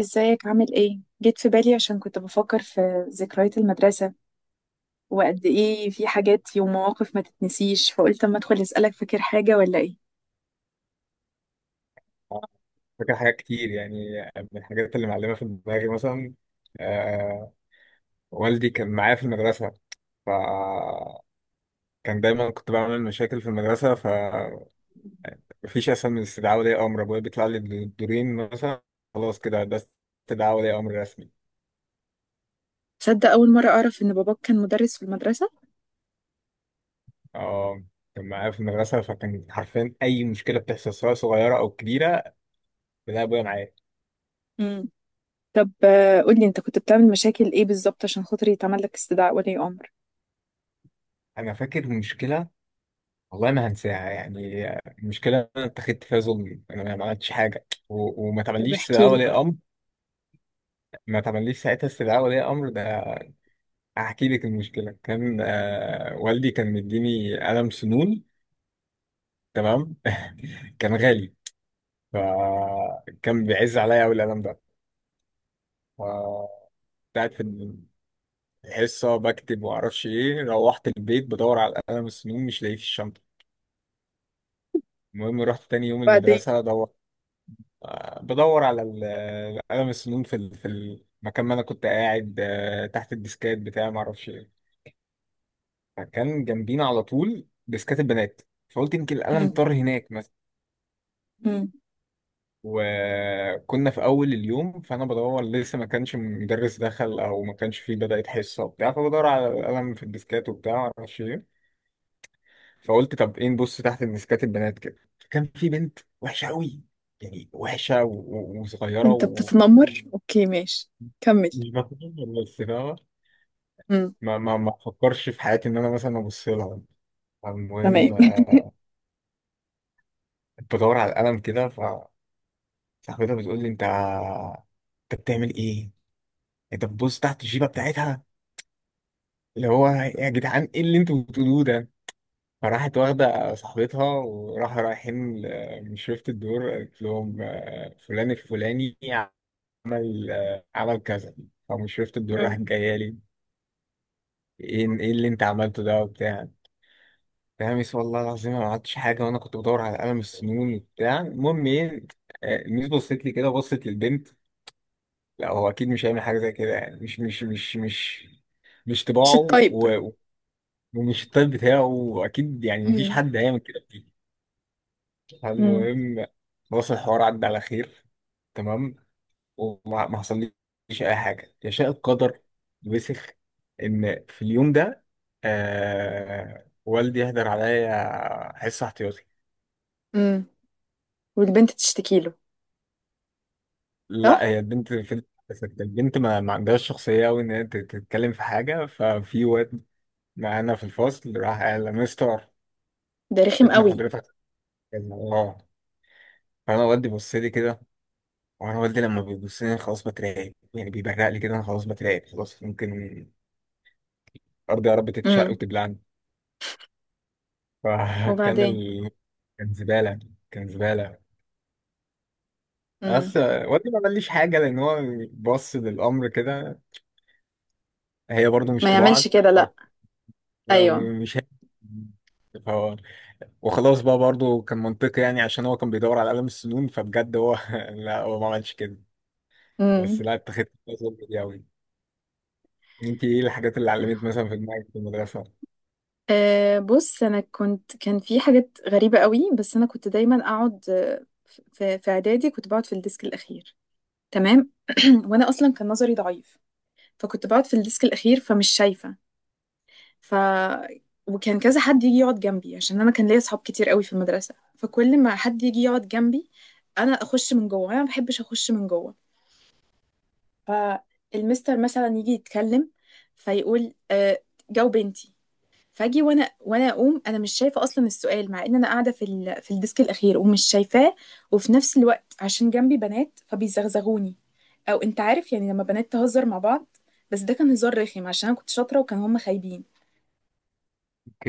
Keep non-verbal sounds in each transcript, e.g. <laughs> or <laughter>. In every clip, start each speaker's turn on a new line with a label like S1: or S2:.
S1: ازيك عامل ايه؟ جيت في بالي عشان كنت بفكر في ذكريات المدرسة، وقد ايه في حاجات ومواقف ما تتنسيش، فقلت اما ادخل اسألك: فاكر حاجة ولا ايه؟
S2: فاكر حاجات كتير، يعني من الحاجات اللي معلمة في دماغي مثلا آه، والدي كان معايا في المدرسة. فكان دايما كنت بعمل مشاكل في المدرسة، فمفيش أسهل من استدعاء ولي أمر. أبويا بيطلع لي بالدورين مثلا، خلاص كده ده استدعاء ولي أمر رسمي.
S1: تصدق اول مرة اعرف ان باباك كان مدرس في المدرسة؟
S2: آه، كان معايا في المدرسة، فكان حرفيا أي مشكلة بتحصل سواء صغيرة أو كبيرة بلاقي أبويا معايا.
S1: امم. طب قولي، انت كنت بتعمل مشاكل ايه بالظبط عشان خاطر يتعمل لك استدعاء ولي امر؟
S2: أنا فاكر مشكلة والله ما هنساها، يعني المشكلة أنا اتخذت فيها ظلم، أنا ما عملتش حاجة وما
S1: طب
S2: تعمليش
S1: احكي
S2: استدعاء
S1: لي.
S2: ولي أمر. ما تعمليش ساعتها استدعاء ولي أمر ده. هحكي لك المشكلة، كان والدي كان مديني قلم سنون، تمام؟ <laughs> كان غالي، فكان بيعز عليا أوي القلم ده. ف- كنت قاعد في الحصة بكتب ومعرفش إيه، روحت البيت بدور على قلم السنون مش لاقيه في الشنطة. المهم رحت تاني يوم
S1: بعدين.
S2: المدرسة أدور، بدور على قلم السنون في في المكان ما انا كنت قاعد، تحت الديسكات بتاعي ما اعرفش ايه. فكان جنبينا على طول ديسكات البنات، فقلت يمكن القلم
S1: امم.
S2: طار هناك مثلا.
S1: امم.
S2: وكنا في اول اليوم، فانا بدور لسه، ما كانش مدرس دخل او ما كانش فيه بدأت حصه وبتاع، فبدور على القلم في الديسكات وبتاع ما اعرفش ايه. فقلت طب ايه، نبص تحت الديسكات البنات كده. فكان في بنت وحشه قوي، يعني وحشه وصغيره
S1: انت
S2: ومش
S1: بتتنمر؟ اوكي، ماشي. كمل.
S2: بفهم، بس فاهمة؟
S1: امم.
S2: ما بفكرش في حياتي ان انا مثلا ابص لها. المهم
S1: تمام.
S2: كنت بدور على القلم كده، فصاحبتها بتقول لي انت، انت بتعمل ايه؟ انت بتبص تحت الجيبه بتاعتها. اللي هو يا جدعان، ايه اللي انتوا بتقولوه ده؟ فراحت واخده صاحبتها، وراح رايحين من شرفة الدور قالت لهم، فلان الفلاني عمل، عمل كذا. فمن شرفة الدور
S1: مم.
S2: راحت جايه لي، ايه ايه اللي انت عملته ده وبتاع، تلاميذ والله العظيم أنا ما عملتش حاجة، وأنا كنت بدور على قلم السنون وبتاع. المهم إيه، آه، الميس بصت لي كده، بصت للبنت، لا هو أكيد مش هيعمل حاجة زي كده، يعني مش
S1: مش
S2: طباعه
S1: الطيب.
S2: و- ومش الطيب بتاعه، وأكيد يعني مفيش
S1: امم.
S2: حد هيعمل كده فيه. المهم خلاص، الحوار عدى على خير، تمام؟ وما ما حصليش أي حاجة. يشاء القدر وسخ إن في اليوم ده آه، والدي يهدر عليا حصة احتياطي.
S1: امم. والبنت تشتكي له،
S2: لا،
S1: صح؟
S2: هي البنت في، البنت ما عندهاش شخصية أوي إن هي تتكلم في حاجة. ففي واد معانا في الفصل راح قال له، مستر،
S1: ده رخم
S2: ابن
S1: قوي.
S2: حضرتك كذا. اه. فأنا والدي بص لي كده، وأنا والدي لما بيبص لي أنا خلاص بترعب، يعني بيبرق لي كده أنا خلاص بترعب، خلاص ممكن أرض يا رب تتشق
S1: امم.
S2: وتبلعني. <laughs> فكان
S1: وبعدين.
S2: كان زبالة، كان زبالة. بس
S1: امم.
S2: والدي ما قاليش حاجة، لأن هو بص للأمر كده، هي برضو مش
S1: ما يعملش
S2: طباعك
S1: كده، لا. ايوه.
S2: ومش هي. وخلاص بقى برضه كان منطقي، يعني عشان هو كان بيدور على قلم السنون، فبجد هو <laughs> لا هو ما عملش كده. بس
S1: امم.
S2: لا اتخذت الفيصل دي قوي. انت ايه الحاجات اللي علمت مثلا في دماغك في المدرسه؟
S1: أه، بص، انا كنت كان في حاجات غريبه قوي، بس انا كنت دايما اقعد. في اعدادي كنت بقعد في الديسك الاخير. تمام. <clears throat> وانا اصلا كان نظري ضعيف، فكنت بقعد في الديسك الاخير فمش شايفه. ف وكان كذا حد يجي يقعد جنبي عشان انا كان ليا اصحاب كتير قوي في المدرسه، فكل ما حد يجي يقعد جنبي انا اخش من جوه، انا ما بحبش اخش من جوه. فالمستر مثلا يجي يتكلم فيقول جاوب انتي. فاجي وانا اقوم، انا مش شايفه اصلا السؤال، مع ان انا قاعده في في الديسك الاخير ومش شايفاه. وفي نفس الوقت عشان جنبي بنات فبيزغزغوني، او انت عارف يعني لما بنات تهزر مع بعض، بس ده كان هزار رخم عشان انا كنت شاطره وكان هم خايبين.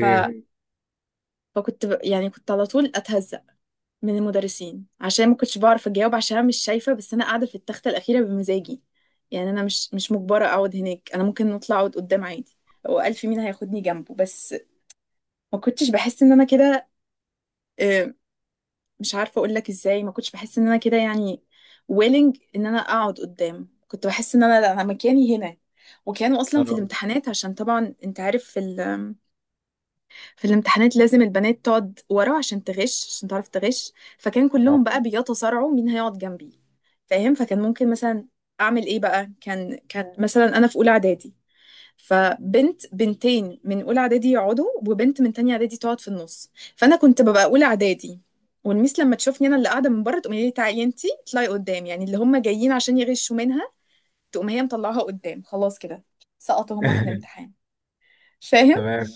S1: ف... مم. فكنت يعني كنت على طول اتهزق من المدرسين عشان ما كنتش بعرف اجاوب، عشان أنا مش شايفه، بس انا قاعده في التخته الاخيره بمزاجي. يعني انا مش مجبره اقعد هناك، انا ممكن نطلع اقعد قدام عادي. هو ألف مين هياخدني جنبه بس. ما كنتش بحس ان انا كده، آه، مش عارفه اقول لك ازاي، ما كنتش بحس ان انا كده. يعني willing ان انا اقعد قدام، كنت بحس ان انا لا، انا مكاني هنا. وكانوا اصلا في
S2: اه.
S1: الامتحانات، عشان طبعا انت عارف في الامتحانات لازم البنات تقعد ورا عشان تغش، عشان تعرف تغش، فكان
S2: آه.
S1: كلهم بقى بيتصارعوا مين هيقعد جنبي. فاهم؟ فكان ممكن مثلا اعمل ايه بقى. كان مثلا انا في اولى اعدادي، فبنت، بنتين من اولى اعدادي يقعدوا وبنت من تانية اعدادي تقعد في النص، فانا كنت ببقى اولى اعدادي. والميس لما تشوفني انا اللي قاعده من بره تقوم لي: تعالي انتي اطلعي قدام، يعني اللي هم جايين عشان يغشوا منها تقوم هي مطلعها قدام. خلاص كده سقطوا هم في
S2: <laughs>
S1: الامتحان. فاهم؟
S2: تمام.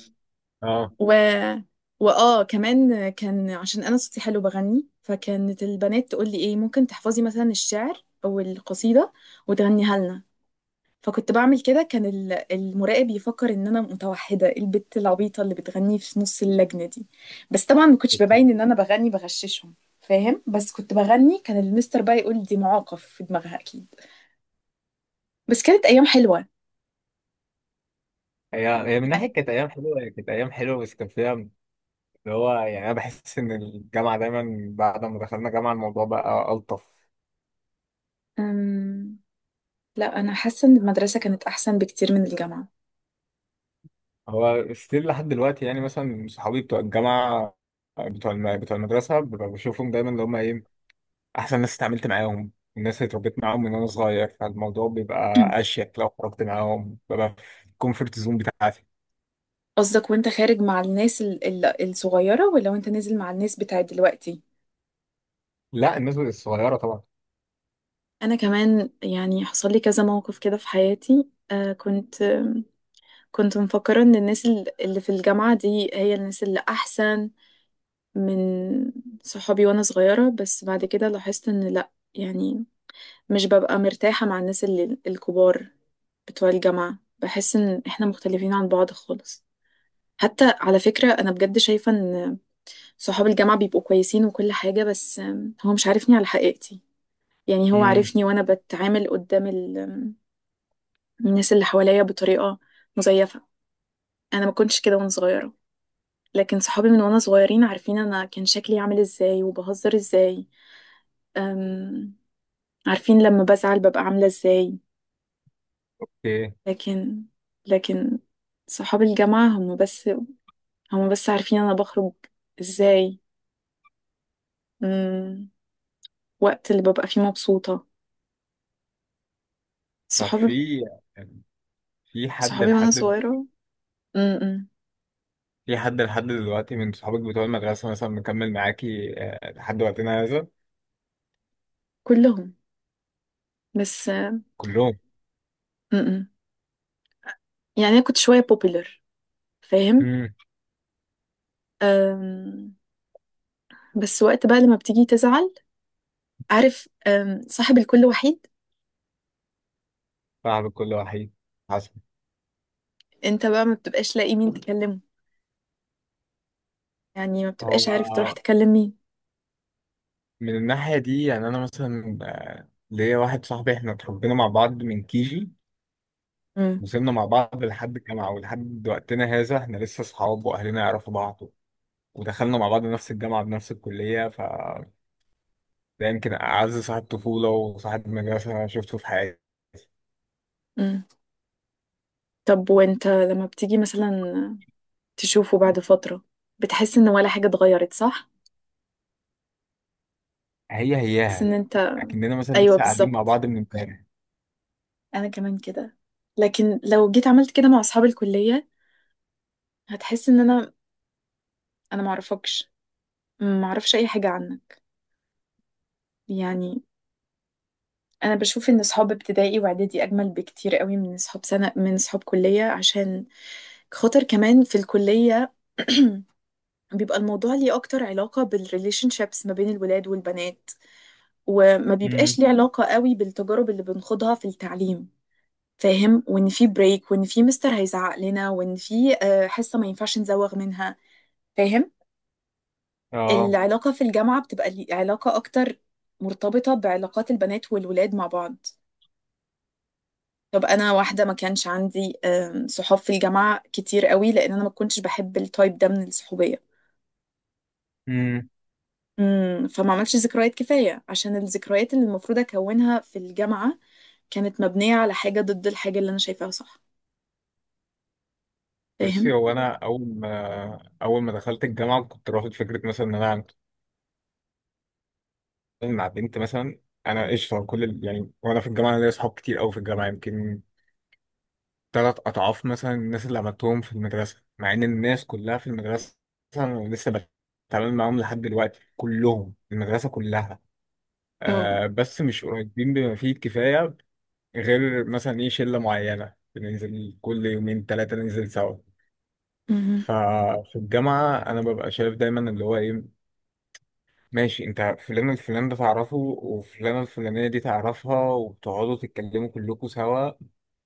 S2: اه.
S1: و واه كمان كان عشان انا صوتي حلو بغني، فكانت البنات تقول لي: ايه ممكن تحفظي مثلا الشعر او القصيده وتغنيها لنا؟ فكنت بعمل كده. كان المراقب يفكر ان انا متوحده، البت العبيطه اللي بتغني في نص اللجنه دي. بس طبعا ما كنتش ببين ان انا بغني، بغششهم. فاهم؟ بس كنت بغني. كان المستر بقى يقول: دي معاقف في دماغها اكيد. بس كانت ايام حلوه.
S2: هي هي من ناحيه
S1: يعني
S2: كانت ايام حلوه، هي كانت ايام حلوه، بس كان فيها اللي هو، يعني انا بحس ان الجامعه دايما، بعد ما دخلنا جامعه الموضوع بقى الطف.
S1: أم... لا، انا حاسه ان المدرسه كانت احسن بكتير من الجامعه.
S2: هو ستيل لحد دلوقتي يعني، مثلا صحابي بتوع الجامعه، بتوع المدرسه ببقى بشوفهم دايما، اللي هم ايه، احسن ناس اتعاملت معاهم، الناس اللي اتربيت معاهم من وانا صغير، فالموضوع بيبقى اشيك لو خرجت معاهم، ببقى في الكومفورت زون بتاعتي.
S1: قصدك وانت خارج مع الناس الصغيرة ولا وانت نازل مع الناس بتاعت دلوقتي؟
S2: لا، الناس الصغيره طبعا.
S1: انا كمان يعني حصل لي كذا موقف كده في حياتي. كنت مفكرة ان الناس اللي في الجامعة دي هي الناس اللي احسن من صحابي وانا صغيرة، بس بعد كده لاحظت ان لا، يعني مش ببقى مرتاحة مع الناس اللي الكبار بتوع الجامعة، بحس ان احنا مختلفين عن بعض خالص. حتى على فكرة انا بجد شايفة ان صحاب الجامعة بيبقوا كويسين وكل حاجة، بس هو مش عارفني على حقيقتي. يعني هو
S2: امم.
S1: عارفني وأنا بتعامل قدام ال- آم، الناس اللي حواليا بطريقة مزيفة. أنا ما كنتش كده وأنا صغيرة، لكن صحابي من وأنا صغيرين عارفين أنا كان شكلي عامل إزاي وبهزر إزاي، أم، عارفين لما بزعل ببقى عاملة إزاي.
S2: ايه
S1: لكن لكن صحاب الجامعة هم بس عارفين أنا بخرج إزاي، أم، وقت اللي ببقى فيه مبسوطة.
S2: طب،
S1: صحابي
S2: في حد
S1: صحابي وأنا
S2: لحد
S1: صغيرة. م-م.
S2: في حد لحد دلوقتي من صحابك بتوع المدرسه مثلا مكمل معاكي، لحد وقتنا هذا؟
S1: كلهم، بس
S2: كلهم.
S1: م-م. يعني انا كنت شويه بوبيلر، فاهم؟
S2: امم.
S1: أم، بس وقت بقى لما بتيجي تزعل، عارف، صاحب الكل وحيد،
S2: صاحب كل وحيد حسن.
S1: انت بقى ما بتبقاش لاقي مين تكلمه، يعني ما بتبقاش عارف تروح
S2: هو
S1: تكلم مين.
S2: من الناحيه دي يعني، انا مثلا ليا واحد صاحبي، احنا اتربينا مع بعض من كيجي،
S1: م-
S2: وصلنا مع بعض لحد الجامعة ولحد وقتنا هذا، احنا لسه صحاب وأهلنا يعرفوا بعض، ودخلنا مع بعض نفس الجامعة بنفس الكلية. فده يمكن أعز صاحب طفولة وصاحب مدرسة شفته في حياتي.
S1: م. طب وانت لما بتيجي مثلا تشوفه بعد فتره، بتحس ان ولا حاجه اتغيرت، صح؟
S2: هي
S1: بس ان
S2: هياها،
S1: انت.
S2: أكننا مثلا
S1: ايوه،
S2: لسه قاعدين مع
S1: بالظبط.
S2: بعض من امبارح.
S1: انا كمان كده. لكن لو جيت عملت كده مع اصحاب الكليه هتحس ان انا معرفكش، ما اعرفش اي حاجه عنك. يعني انا بشوف ان اصحاب ابتدائي واعدادي اجمل بكتير قوي من اصحاب سنه، من اصحاب كليه، عشان خاطر كمان في الكليه بيبقى الموضوع ليه اكتر علاقه بالريليشن شيبس ما بين الولاد والبنات، وما بيبقاش
S2: امم.
S1: ليه علاقه قوي بالتجارب اللي بنخوضها في التعليم. فاهم؟ وان في بريك، وان في مستر هيزعق لنا، وان في حصه ما ينفعش نزوغ منها. فاهم؟
S2: اه.
S1: العلاقه في الجامعه بتبقى علاقه اكتر مرتبطه بعلاقات البنات والولاد مع بعض. طب انا واحده ما كانش عندي صحاب في الجامعه كتير قوي، لان انا ما كنتش بحب التايب ده من الصحوبيه.
S2: امم.
S1: امم، فما عملتش ذكريات كفايه، عشان الذكريات اللي المفروض اكونها في الجامعه كانت مبنيه على حاجه ضد الحاجه اللي انا شايفاها، صح؟ فاهم؟
S2: بصي هو، أنا أول ما دخلت الجامعة كنت رافض فكرة مثلا إن أنا أعمل مع بنت مثلا. أنا قشطة كل يعني، وأنا في الجامعة أنا ليا صحاب كتير أوي في الجامعة، يمكن تلات أضعاف مثلا الناس اللي عملتهم في المدرسة، مع إن الناس كلها في المدرسة أنا لسه بتعامل معاهم لحد دلوقتي، كلهم، المدرسة كلها،
S1: اه.
S2: آه بس مش قريبين بما فيه الكفاية، غير مثلا إيه، شلة معينة بننزل كل يومين تلاتة ننزل سوا.
S1: مهم.
S2: ففي الجامعة أنا ببقى شايف دايما، اللي هو إيه، ماشي أنت فلان الفلان ده تعرفه، وفلانة الفلانية دي تعرفها، وبتقعدوا تتكلموا كلكم سوا،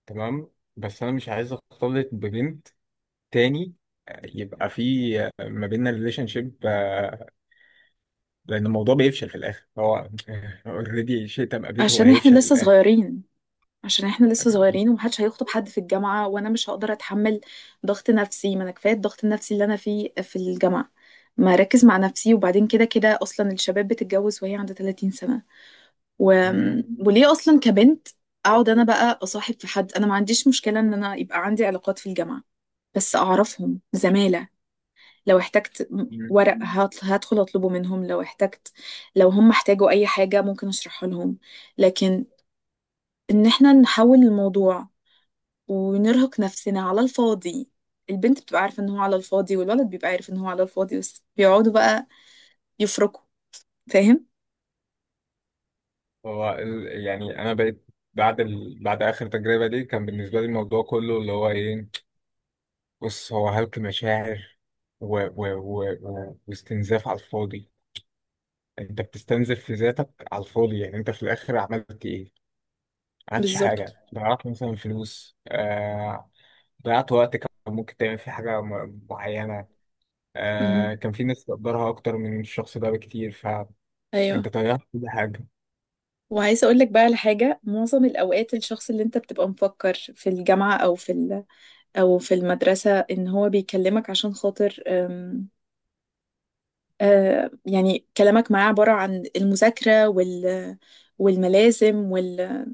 S2: تمام. بس أنا مش عايز أختلط ببنت تاني، يبقى في ما بيننا ريليشن شيب، لان الموضوع بيفشل في الاخر. هو اوريدي شئت ام ابيت، هو
S1: عشان احنا
S2: هيفشل في
S1: لسه
S2: الاخر.
S1: صغيرين، عشان احنا لسه صغيرين ومحدش هيخطب حد في الجامعه، وانا مش هقدر اتحمل ضغط نفسي، ما انا كفايه الضغط النفسي اللي انا فيه في الجامعه، ما اركز مع نفسي. وبعدين كده كده اصلا الشباب بتتجوز وهي عندها 30 سنه. و...
S2: مم.
S1: وليه اصلا كبنت اقعد انا بقى اصاحب في حد؟ انا ما عنديش مشكله ان انا يبقى عندي علاقات في الجامعه، بس اعرفهم زماله. لو احتجت
S2: مم.
S1: ورق هدخل اطلبه منهم، لو احتجت، لو هم احتاجوا اي حاجه ممكن اشرحها لهم. لكن ان احنا نحول الموضوع ونرهق نفسنا على الفاضي! البنت بتبقى عارفه ان هو على الفاضي، والولد بيبقى عارف ان هو على الفاضي، بس بيقعدوا بقى يفركوا. فاهم؟
S2: هو يعني انا بقيت بعد بعد اخر تجربه دي، كان بالنسبه لي الموضوع كله اللي هو ايه، بص، هو هلك مشاعر واستنزاف على الفاضي. انت بتستنزف في ذاتك على الفاضي، يعني انت في الاخر عملت ايه؟ ما عملتش
S1: بالظبط.
S2: حاجه، ضيعت مثلا فلوس، آه، ضيعت وقت كان ممكن تعمل فيه حاجة معينة، آه،
S1: مهم.
S2: كان في ناس تقدرها أكتر من الشخص ده بكتير، فأنت
S1: ايوه.
S2: ضيعت كل حاجة.
S1: وعايزة اقول لك بقى على حاجة: معظم الاوقات الشخص اللي انت بتبقى مفكر في الجامعة او في او في المدرسة ان هو بيكلمك عشان خاطر يعني كلامك معاه عبارة عن المذاكرة والملازم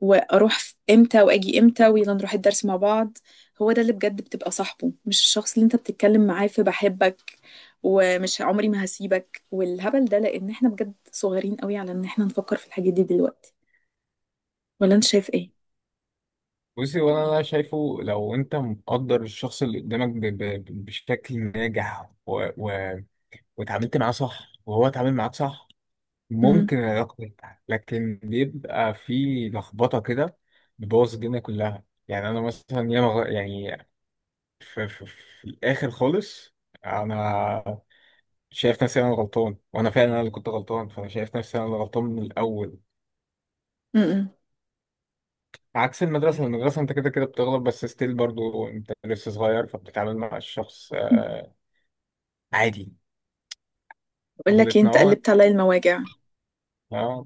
S1: واروح امتى واجي امتى ويلا نروح الدرس مع بعض، هو ده اللي بجد بتبقى صاحبه، مش الشخص اللي انت بتتكلم معاه في بحبك ومش عمري ما هسيبك والهبل ده، لان احنا بجد صغيرين قوي على ان احنا نفكر في الحاجات دي دلوقتي. ولا انت شايف ايه؟
S2: بصي، وأنا أنا شايفه لو أنت مقدر الشخص اللي قدامك ب بشكل ناجح، و واتعاملت معاه صح، وهو اتعامل معاك صح، ممكن
S1: مهم.
S2: العلاقة تنجح. لكن بيبقى في لخبطة كده بتبوظ الدنيا كلها. يعني أنا مثلا ياما يعني في, الآخر خالص أنا شايف نفسي انا غلطان، وانا فعلا انا اللي كنت غلطان، فانا شايف نفسي انا اللي غلطان من الاول.
S1: مم.
S2: عكس المدرسه، المدرسه انت كده كده بتغلط، بس ستيل برضو انت لسه صغير، فبتتعامل مع الشخص آه، عادي.
S1: بقول لك ايه،
S2: غلطنا
S1: انت
S2: اه.
S1: قلبت عليا المواجع،
S2: اه.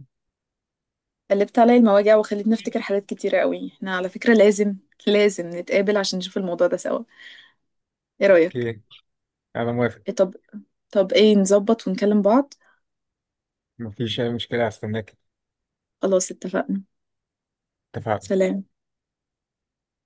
S1: قلبت عليا المواجع وخلتني افتكر حاجات كتيرة قوي. احنا على فكرة لازم نتقابل عشان نشوف الموضوع ده سوا. ايه رأيك؟
S2: اوكي، انا موافق.
S1: إيه طب طب ايه نظبط ونكلم بعض.
S2: مفيش اي مشكله، هستناك.
S1: خلاص اتفقنا.
S2: اتفقنا.
S1: سلام.